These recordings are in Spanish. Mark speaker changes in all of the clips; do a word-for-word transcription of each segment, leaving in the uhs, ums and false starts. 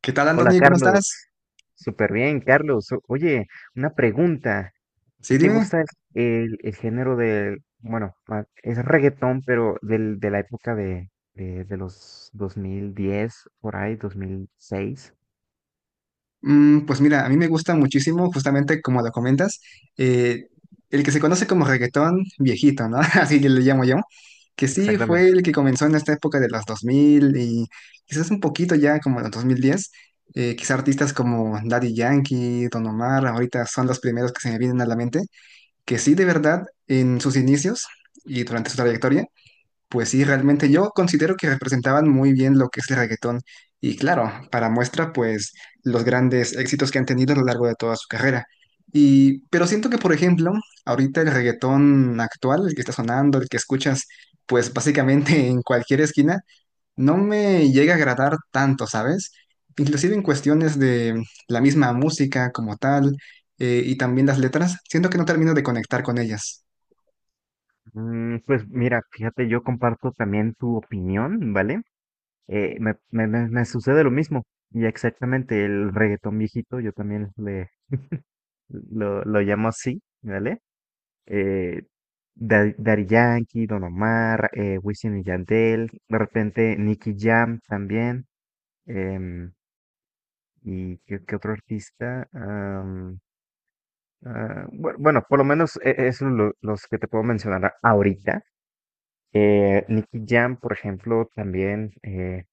Speaker 1: ¿Qué tal,
Speaker 2: Hola
Speaker 1: Anthony? ¿Cómo
Speaker 2: Carlos,
Speaker 1: estás?
Speaker 2: súper bien Carlos. O- Oye, una pregunta, ¿qué
Speaker 1: Sí,
Speaker 2: te
Speaker 1: dime.
Speaker 2: gusta el, el- el género del, bueno, ma- es reggaetón, pero del, de la época de, de, de los dos mil diez por ahí, ¿dos mil seis?
Speaker 1: Mm, pues mira, a mí me gusta muchísimo, justamente como lo comentas, eh, el que se conoce como reggaetón viejito, ¿no? Así le llamo yo, que sí fue
Speaker 2: ¿Exactamente?
Speaker 1: el que comenzó en esta época de los dos mil y quizás un poquito ya como en los dos mil diez. Eh, quizás artistas como Daddy Yankee, Don Omar, ahorita son los primeros que se me vienen a la mente, que sí, de verdad, en sus inicios y durante su trayectoria, pues sí, realmente yo considero que representaban muy bien lo que es el reggaetón. Y claro, para muestra, pues los grandes éxitos que han tenido a lo largo de toda su carrera. Y, pero siento que, por ejemplo, ahorita el reggaetón actual, el que está sonando, el que escuchas, pues básicamente en cualquier esquina, no me llega a agradar tanto, ¿sabes? Inclusive en cuestiones de la misma música como tal, eh, y también las letras, siento que no termino de conectar con ellas.
Speaker 2: Mm, pues mira, fíjate, yo comparto también tu opinión, ¿vale? Eh, me, me, me- me sucede lo mismo, y exactamente el reggaetón viejito, yo también le, lo, lo llamo así, ¿vale? eh, Da- Daddy Yankee, Don Omar, eh, Wisin y Yandel, de repente Nicky Jam también. em, y qué, ¿Qué otro artista? Am, ah, bu- bueno, por lo menos e- es lo- los que te puedo mencionar a- ahorita. Eh, Nicky Jam, por ejemplo, también, eh,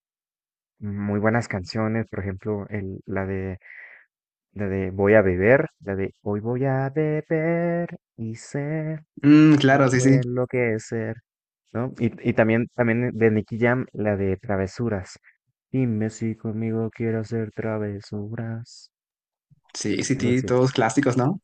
Speaker 2: muy buenas canciones. Por ejemplo, el, la de la de Voy a beber, la de Hoy voy a beber y sé
Speaker 1: Mm,
Speaker 2: me
Speaker 1: claro, sí,
Speaker 2: voy
Speaker 1: sí.
Speaker 2: a enloquecer, ¿no? Y, y también, también de Nicky Jam, la de Travesuras. Dime si conmigo quiero hacer travesuras.
Speaker 1: Sí, sí,
Speaker 2: Algo
Speaker 1: sí,
Speaker 2: así.
Speaker 1: todos clásicos, ¿no?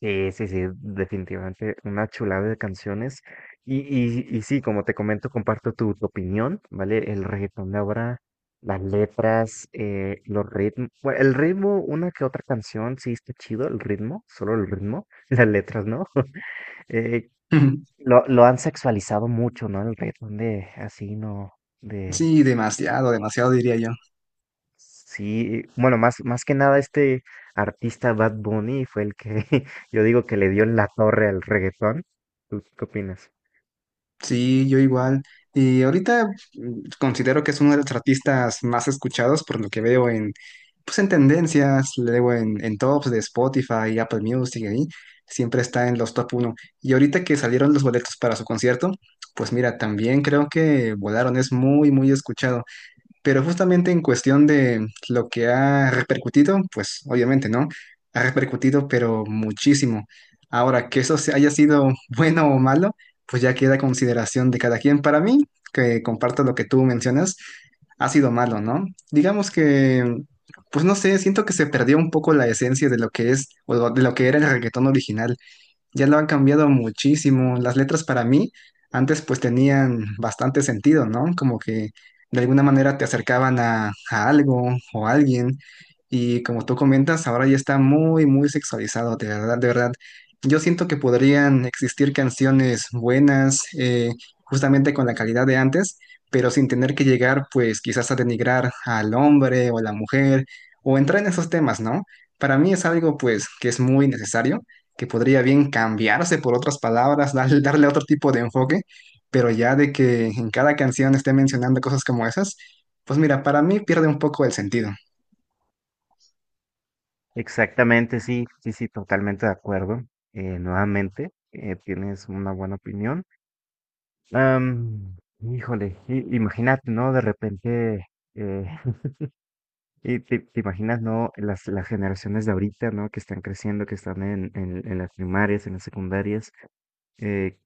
Speaker 2: Sí, sí, sí, definitivamente una chulada de canciones. Y, y, y sí, como te comento, comparto tu, tu opinión, ¿vale? El reggaetón de ahora, las letras, eh, los ritmos. Bueno, el ritmo, una que otra canción, sí está chido, el ritmo, solo el ritmo, las letras, ¿no? Eh,
Speaker 1: Ujú.
Speaker 2: Lo, lo han sexualizado mucho, ¿no? El reggaetón de así, ¿no? De...
Speaker 1: Sí, demasiado, demasiado diría yo.
Speaker 2: Sí, bueno, más, más que nada este artista Bad Bunny fue el que yo digo que le dio en la torre al reggaetón. ¿Tú qué opinas?
Speaker 1: Sí, yo igual. Y ahorita, mm, considero que es uno de los artistas más escuchados por lo que veo en, pues en tendencias, luego en, en tops de Spotify, Apple Music, ahí siempre está en los top uno. Y ahorita que salieron los boletos para su concierto, pues mira, también creo que Volaron es muy, muy escuchado. Pero justamente en cuestión de lo que ha repercutido, pues obviamente, ¿no? Ha repercutido, pero muchísimo. Ahora, que eso se- haya sido bueno o malo, pues ya queda a consideración de cada quien. Para mí, que comparto lo que tú mencionas, ha sido malo, ¿no? Digamos que, pues no sé, siento que se perdió un poco la esencia de lo que es o de lo que era el reggaetón original, ya lo han cambiado muchísimo. Las letras para mí antes pues tenían bastante sentido, ¿no? Como que de alguna manera te acercaban a, a algo o a alguien. Y como tú comentas, ahora ya está muy, muy sexualizado, de verdad, de verdad. Yo siento que podrían existir canciones buenas, eh, justamente con la calidad de antes, pero sin tener que llegar pues quizás a denigrar al hombre o a la mujer o entrar en esos temas, ¿no? Para mí es algo pues que es muy necesario, que podría bien cambiarse por otras palabras, darle, darle otro tipo de enfoque, pero ya de que en cada canción esté mencionando cosas como esas, pues mira, para mí pierde un poco el sentido.
Speaker 2: Exactamente, sí, sí, sí, totalmente de acuerdo. Eh, nuevamente, eh, tienes una buena opinión. Am, híjole, i- imagínate, ¿no? De repente, eh, y te, te imaginas, ¿no? Las, las generaciones de ahorita, ¿no? Que están creciendo, que están en, en, en las primarias, en las secundarias, eh,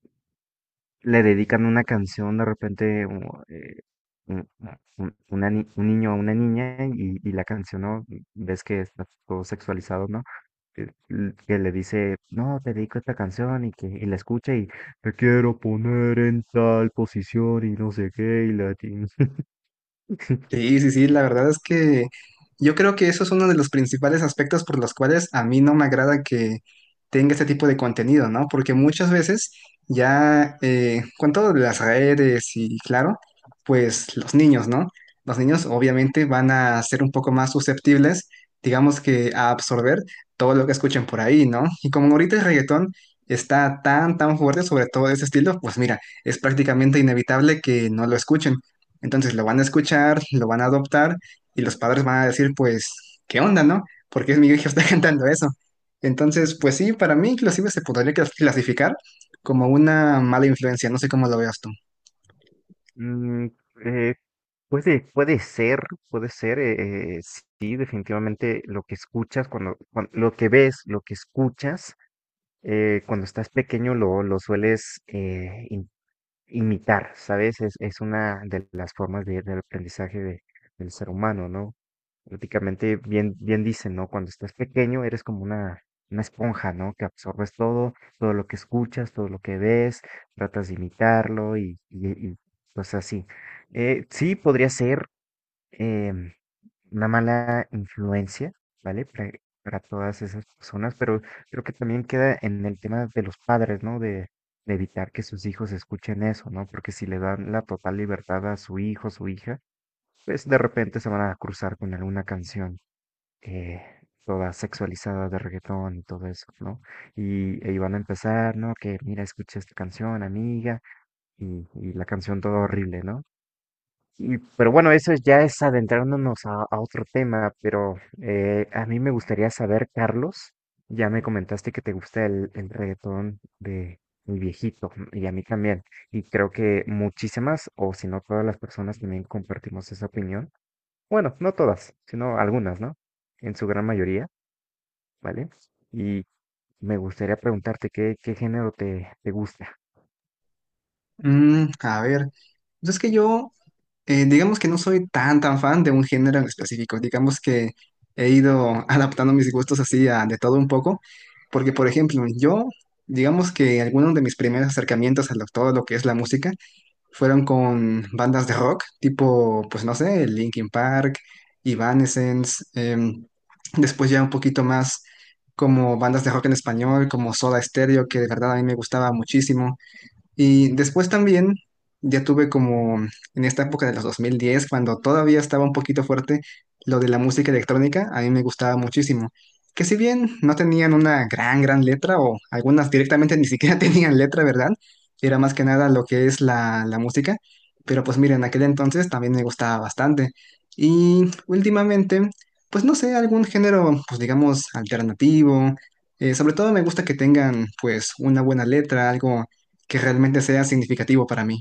Speaker 2: le dedican una canción de repente, o, eh, un, un- una ni- un niño a una niña, y, y la canción, ¿no? Ves que está todo sexualizado, ¿no? Que, que le dice, no, te dedico esta canción, y que y la escucha, y te quiero poner en tal posición y no sé qué y la... ti-
Speaker 1: Sí, sí, sí, la verdad es que yo creo que eso es uno de los principales aspectos por los cuales a mí no me agrada que tenga este tipo de contenido, ¿no? Porque muchas veces ya eh, con todo de las redes y claro, pues los niños, ¿no? Los niños obviamente van a ser un poco más susceptibles, digamos que a absorber todo lo que escuchen por ahí, ¿no? Y como ahorita el reggaetón está tan, tan fuerte sobre todo ese estilo, pues mira, es prácticamente inevitable que no lo escuchen. Entonces lo van a escuchar, lo van a adoptar y los padres van a decir, pues, ¿qué onda, no? Porque es mi hijo está cantando eso. Entonces, pues sí, para mí inclusive se podría clas- clasificar como una mala influencia, no sé cómo lo veas tú.
Speaker 2: Mm, eh, puede, puede ser, puede ser, eh, eh, sí, definitivamente lo que escuchas. Cuando, cuan- lo que ves, lo que escuchas, eh, cuando estás pequeño lo, lo sueles eh, im- imitar, ¿sabes? Es, es una de las formas de- del aprendizaje de- del ser humano, ¿no? Prácticamente bien, bien dicen, ¿no? Cuando estás pequeño eres como una, una esponja, ¿no? Que absorbes todo, todo lo que escuchas, todo lo que ves, tratas de imitarlo y, y, y pues así. Eh, sí, podría ser em, una mala influencia, ¿vale? Para, para todas esas personas, pero creo que también queda en el tema de los padres, ¿no? De, de evitar que sus hijos escuchen eso, ¿no? Porque si le dan la total libertad a su hijo o su hija, pues de repente se van a cruzar con alguna canción eh, toda sexualizada de reggaetón y todo eso, ¿no? Y, y van a empezar, ¿no? Que mira, escucha esta canción, amiga, y, y la canción toda horrible, ¿no? Y, pero bueno, eso ya es adentrándonos a, a otro tema. Pero eh, a mí me gustaría saber, Carlos, ya me comentaste que te gusta el, el reggaetón de mi viejito, mm, y a mí también, y creo que muchísimas, o si no todas las personas también compartimos esa opinión. Bueno, no todas, sino algunas, ¿no? En su gran mayoría, ¿vale? Y me gustaría preguntarte qué, qué género te, te gusta.
Speaker 1: Mm, a ver, pues es que yo, eh, digamos que no soy tan, tan fan de un género en específico, digamos que he ido adaptando mis gustos así a de todo un poco, porque por ejemplo, yo, digamos que algunos de mis primeros acercamientos a lo- todo lo que es la música, fueron con bandas de rock, tipo, pues no sé, Linkin Park, Evanescence, em, después ya un poquito más como bandas de rock en español, como Soda Stereo, que de verdad a mí me gustaba muchísimo. Y después también ya tuve como en esta época de los dos mil diez cuando todavía estaba un poquito fuerte lo de la música electrónica, a mí me gustaba muchísimo. Que si bien no tenían una gran, gran letra o algunas directamente ni siquiera tenían letra, ¿verdad? Era más que nada lo que es la, la música. Pero pues miren, en aquel entonces también me gustaba bastante. Y últimamente, pues no sé, algún género, pues digamos, alternativo. Eh, sobre todo me gusta que tengan pues una buena letra, algo que realmente sea significativo para mí.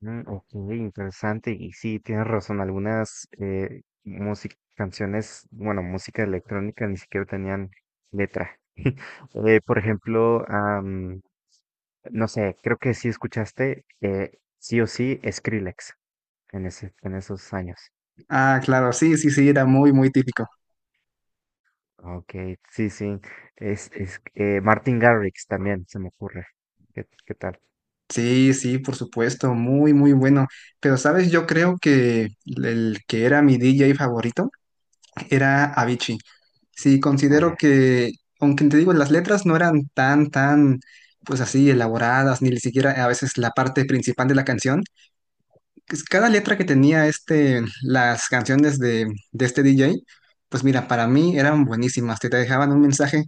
Speaker 2: Mm, ok, interesante. Y sí, tienes razón. Algunas eh, música- canciones, bueno, música electrónica ni siquiera tenían letra. Eh, por ejemplo, am, no sé, creo que sí escuchaste, eh, sí o sí, Skrillex en ese, en esos años.
Speaker 1: Ah, claro, sí, sí, sí, era muy, muy típico.
Speaker 2: Ok, sí, sí. Es, es, eh, Martin Garrix también, se me ocurre. ¿Qué, qué tal?
Speaker 1: Sí, sí, por supuesto, muy, muy bueno. Pero, ¿sabes? Yo creo que el que era mi D J favorito era Avicii. Sí,
Speaker 2: Ah,
Speaker 1: considero
Speaker 2: ya.
Speaker 1: que, aunque te digo, las letras no eran tan, tan, pues así, elaboradas, ni siquiera a veces la parte principal de la canción. Pues, cada letra que tenía este, las canciones de, de este D J, pues mira, para mí eran buenísimas, te te dejaban un mensaje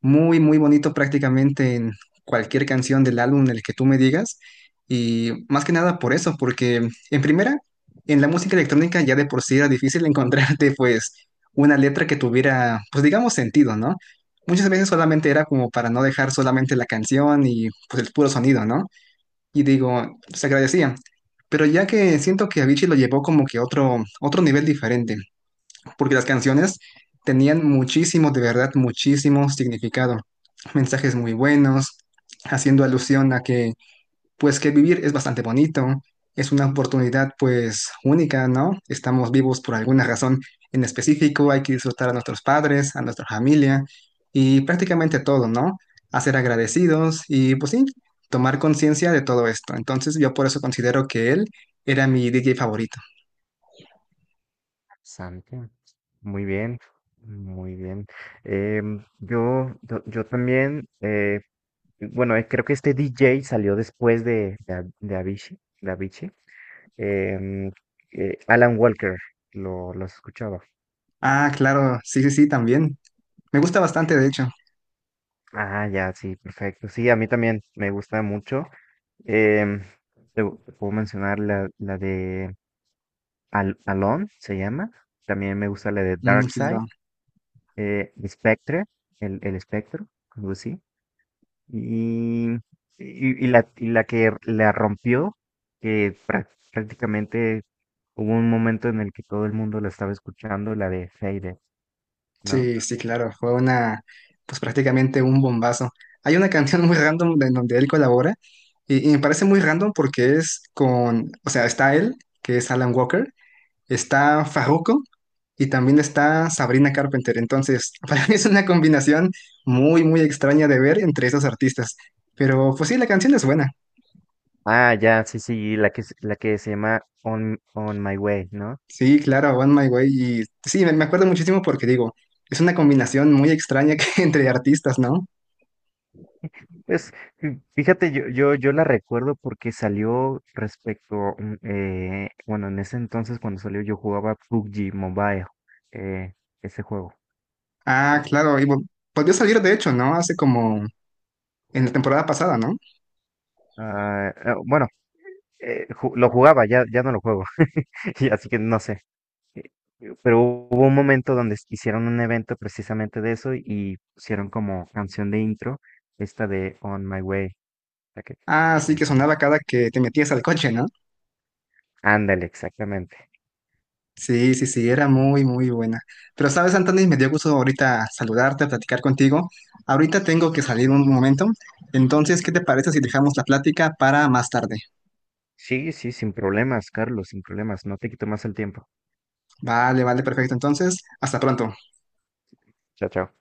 Speaker 1: muy, muy bonito prácticamente en cualquier canción del álbum en el que tú me digas. Y más que nada por eso, porque en primera, en la música electrónica ya de por sí era difícil encontrarte pues una letra que tuviera, pues digamos, sentido, ¿no? Muchas veces solamente era como para no dejar solamente la canción y pues el puro sonido, ¿no? Y digo, se agradecía. Pero ya que siento que Avicii lo llevó como que a otro, otro nivel diferente porque las canciones tenían muchísimo, de verdad, muchísimo significado. Mensajes muy buenos, haciendo alusión a que, pues, que vivir es bastante bonito, es una oportunidad, pues, única, ¿no? Estamos vivos por alguna razón en específico, hay que disfrutar a nuestros padres, a nuestra familia y prácticamente todo, ¿no? A ser agradecidos y, pues, sí, tomar conciencia de todo esto. Entonces, yo por eso considero que él era mi D J favorito.
Speaker 2: Santi, muy bien, muy bien. Em, yo, yo, yo también, eh, bueno, eh, creo que este D J salió después de, de, A- de Avicii, de Avicii. Em, eh, Alan Walker, lo, lo has escuchado.
Speaker 1: Ah, claro, sí, sí, sí, también. Me gusta bastante, de hecho.
Speaker 2: Ah, ya, sí, perfecto. Sí, a mí también me gusta mucho. Em, te, Te puedo mencionar la, la de Al Alone, se llama. También me gusta la de
Speaker 1: Mm,
Speaker 2: Dark Side,
Speaker 1: claro.
Speaker 2: eh, Spectre, el, el espectro, algo así. Y, y, y la, y la que la rompió, que prá- prácticamente hubo un momento en el que todo el mundo la estaba escuchando, la de Faded, ¿no?
Speaker 1: Sí, sí, claro. Fue una, pues prácticamente un bombazo. Hay una canción muy random de- en donde él colabora y, y me parece muy random porque es con, o sea, está él, que es Alan Walker, está Farruko y también está Sabrina Carpenter. Entonces, para mí es una combinación muy, muy extraña de ver entre esos artistas. Pero pues sí, la canción es buena.
Speaker 2: Ah, ya, sí, sí, la que, se- la que se llama On, On My Way, ¿no?
Speaker 1: Sí, claro, One My Way. Y sí, me me acuerdo muchísimo porque digo, es una combinación muy extraña que- entre artistas, ¿no?
Speaker 2: Pues fí- fíjate, yo, yo, yo la recuerdo porque salió respecto, mm, eh, bueno, en ese entonces cuando salió yo jugaba P U B G Mobile, eh, ese juego.
Speaker 1: Ah,
Speaker 2: Ajá.
Speaker 1: claro, y vol- volvió a salir de hecho, ¿no? Hace como en la temporada pasada, ¿no?
Speaker 2: Ah, ah, bueno, eh, ju- lo jugaba, ya, ya no lo juego. Y así que no sé. eh, Pero hubo un momento donde hicieron un evento precisamente de eso y pusieron como canción de intro esta de On My Way, la que, la
Speaker 1: Ah,
Speaker 2: que
Speaker 1: sí, que sonaba
Speaker 2: mencionaste.
Speaker 1: cada que te metías al coche, ¿no?
Speaker 2: Ándale, exactamente.
Speaker 1: Sí, sí, sí,
Speaker 2: Sí.
Speaker 1: era muy, muy buena. Pero sabes, Anthony, me dio gusto ahorita saludarte, platicar contigo. Ahorita tengo que salir un momento. Entonces, ¿qué te parece si dejamos la plática para más tarde?
Speaker 2: Sí, sí, sin problemas, Carlos, sin problemas. No te quito más el tiempo.
Speaker 1: Vale, vale, perfecto. Entonces, hasta pronto.
Speaker 2: Chao, chao.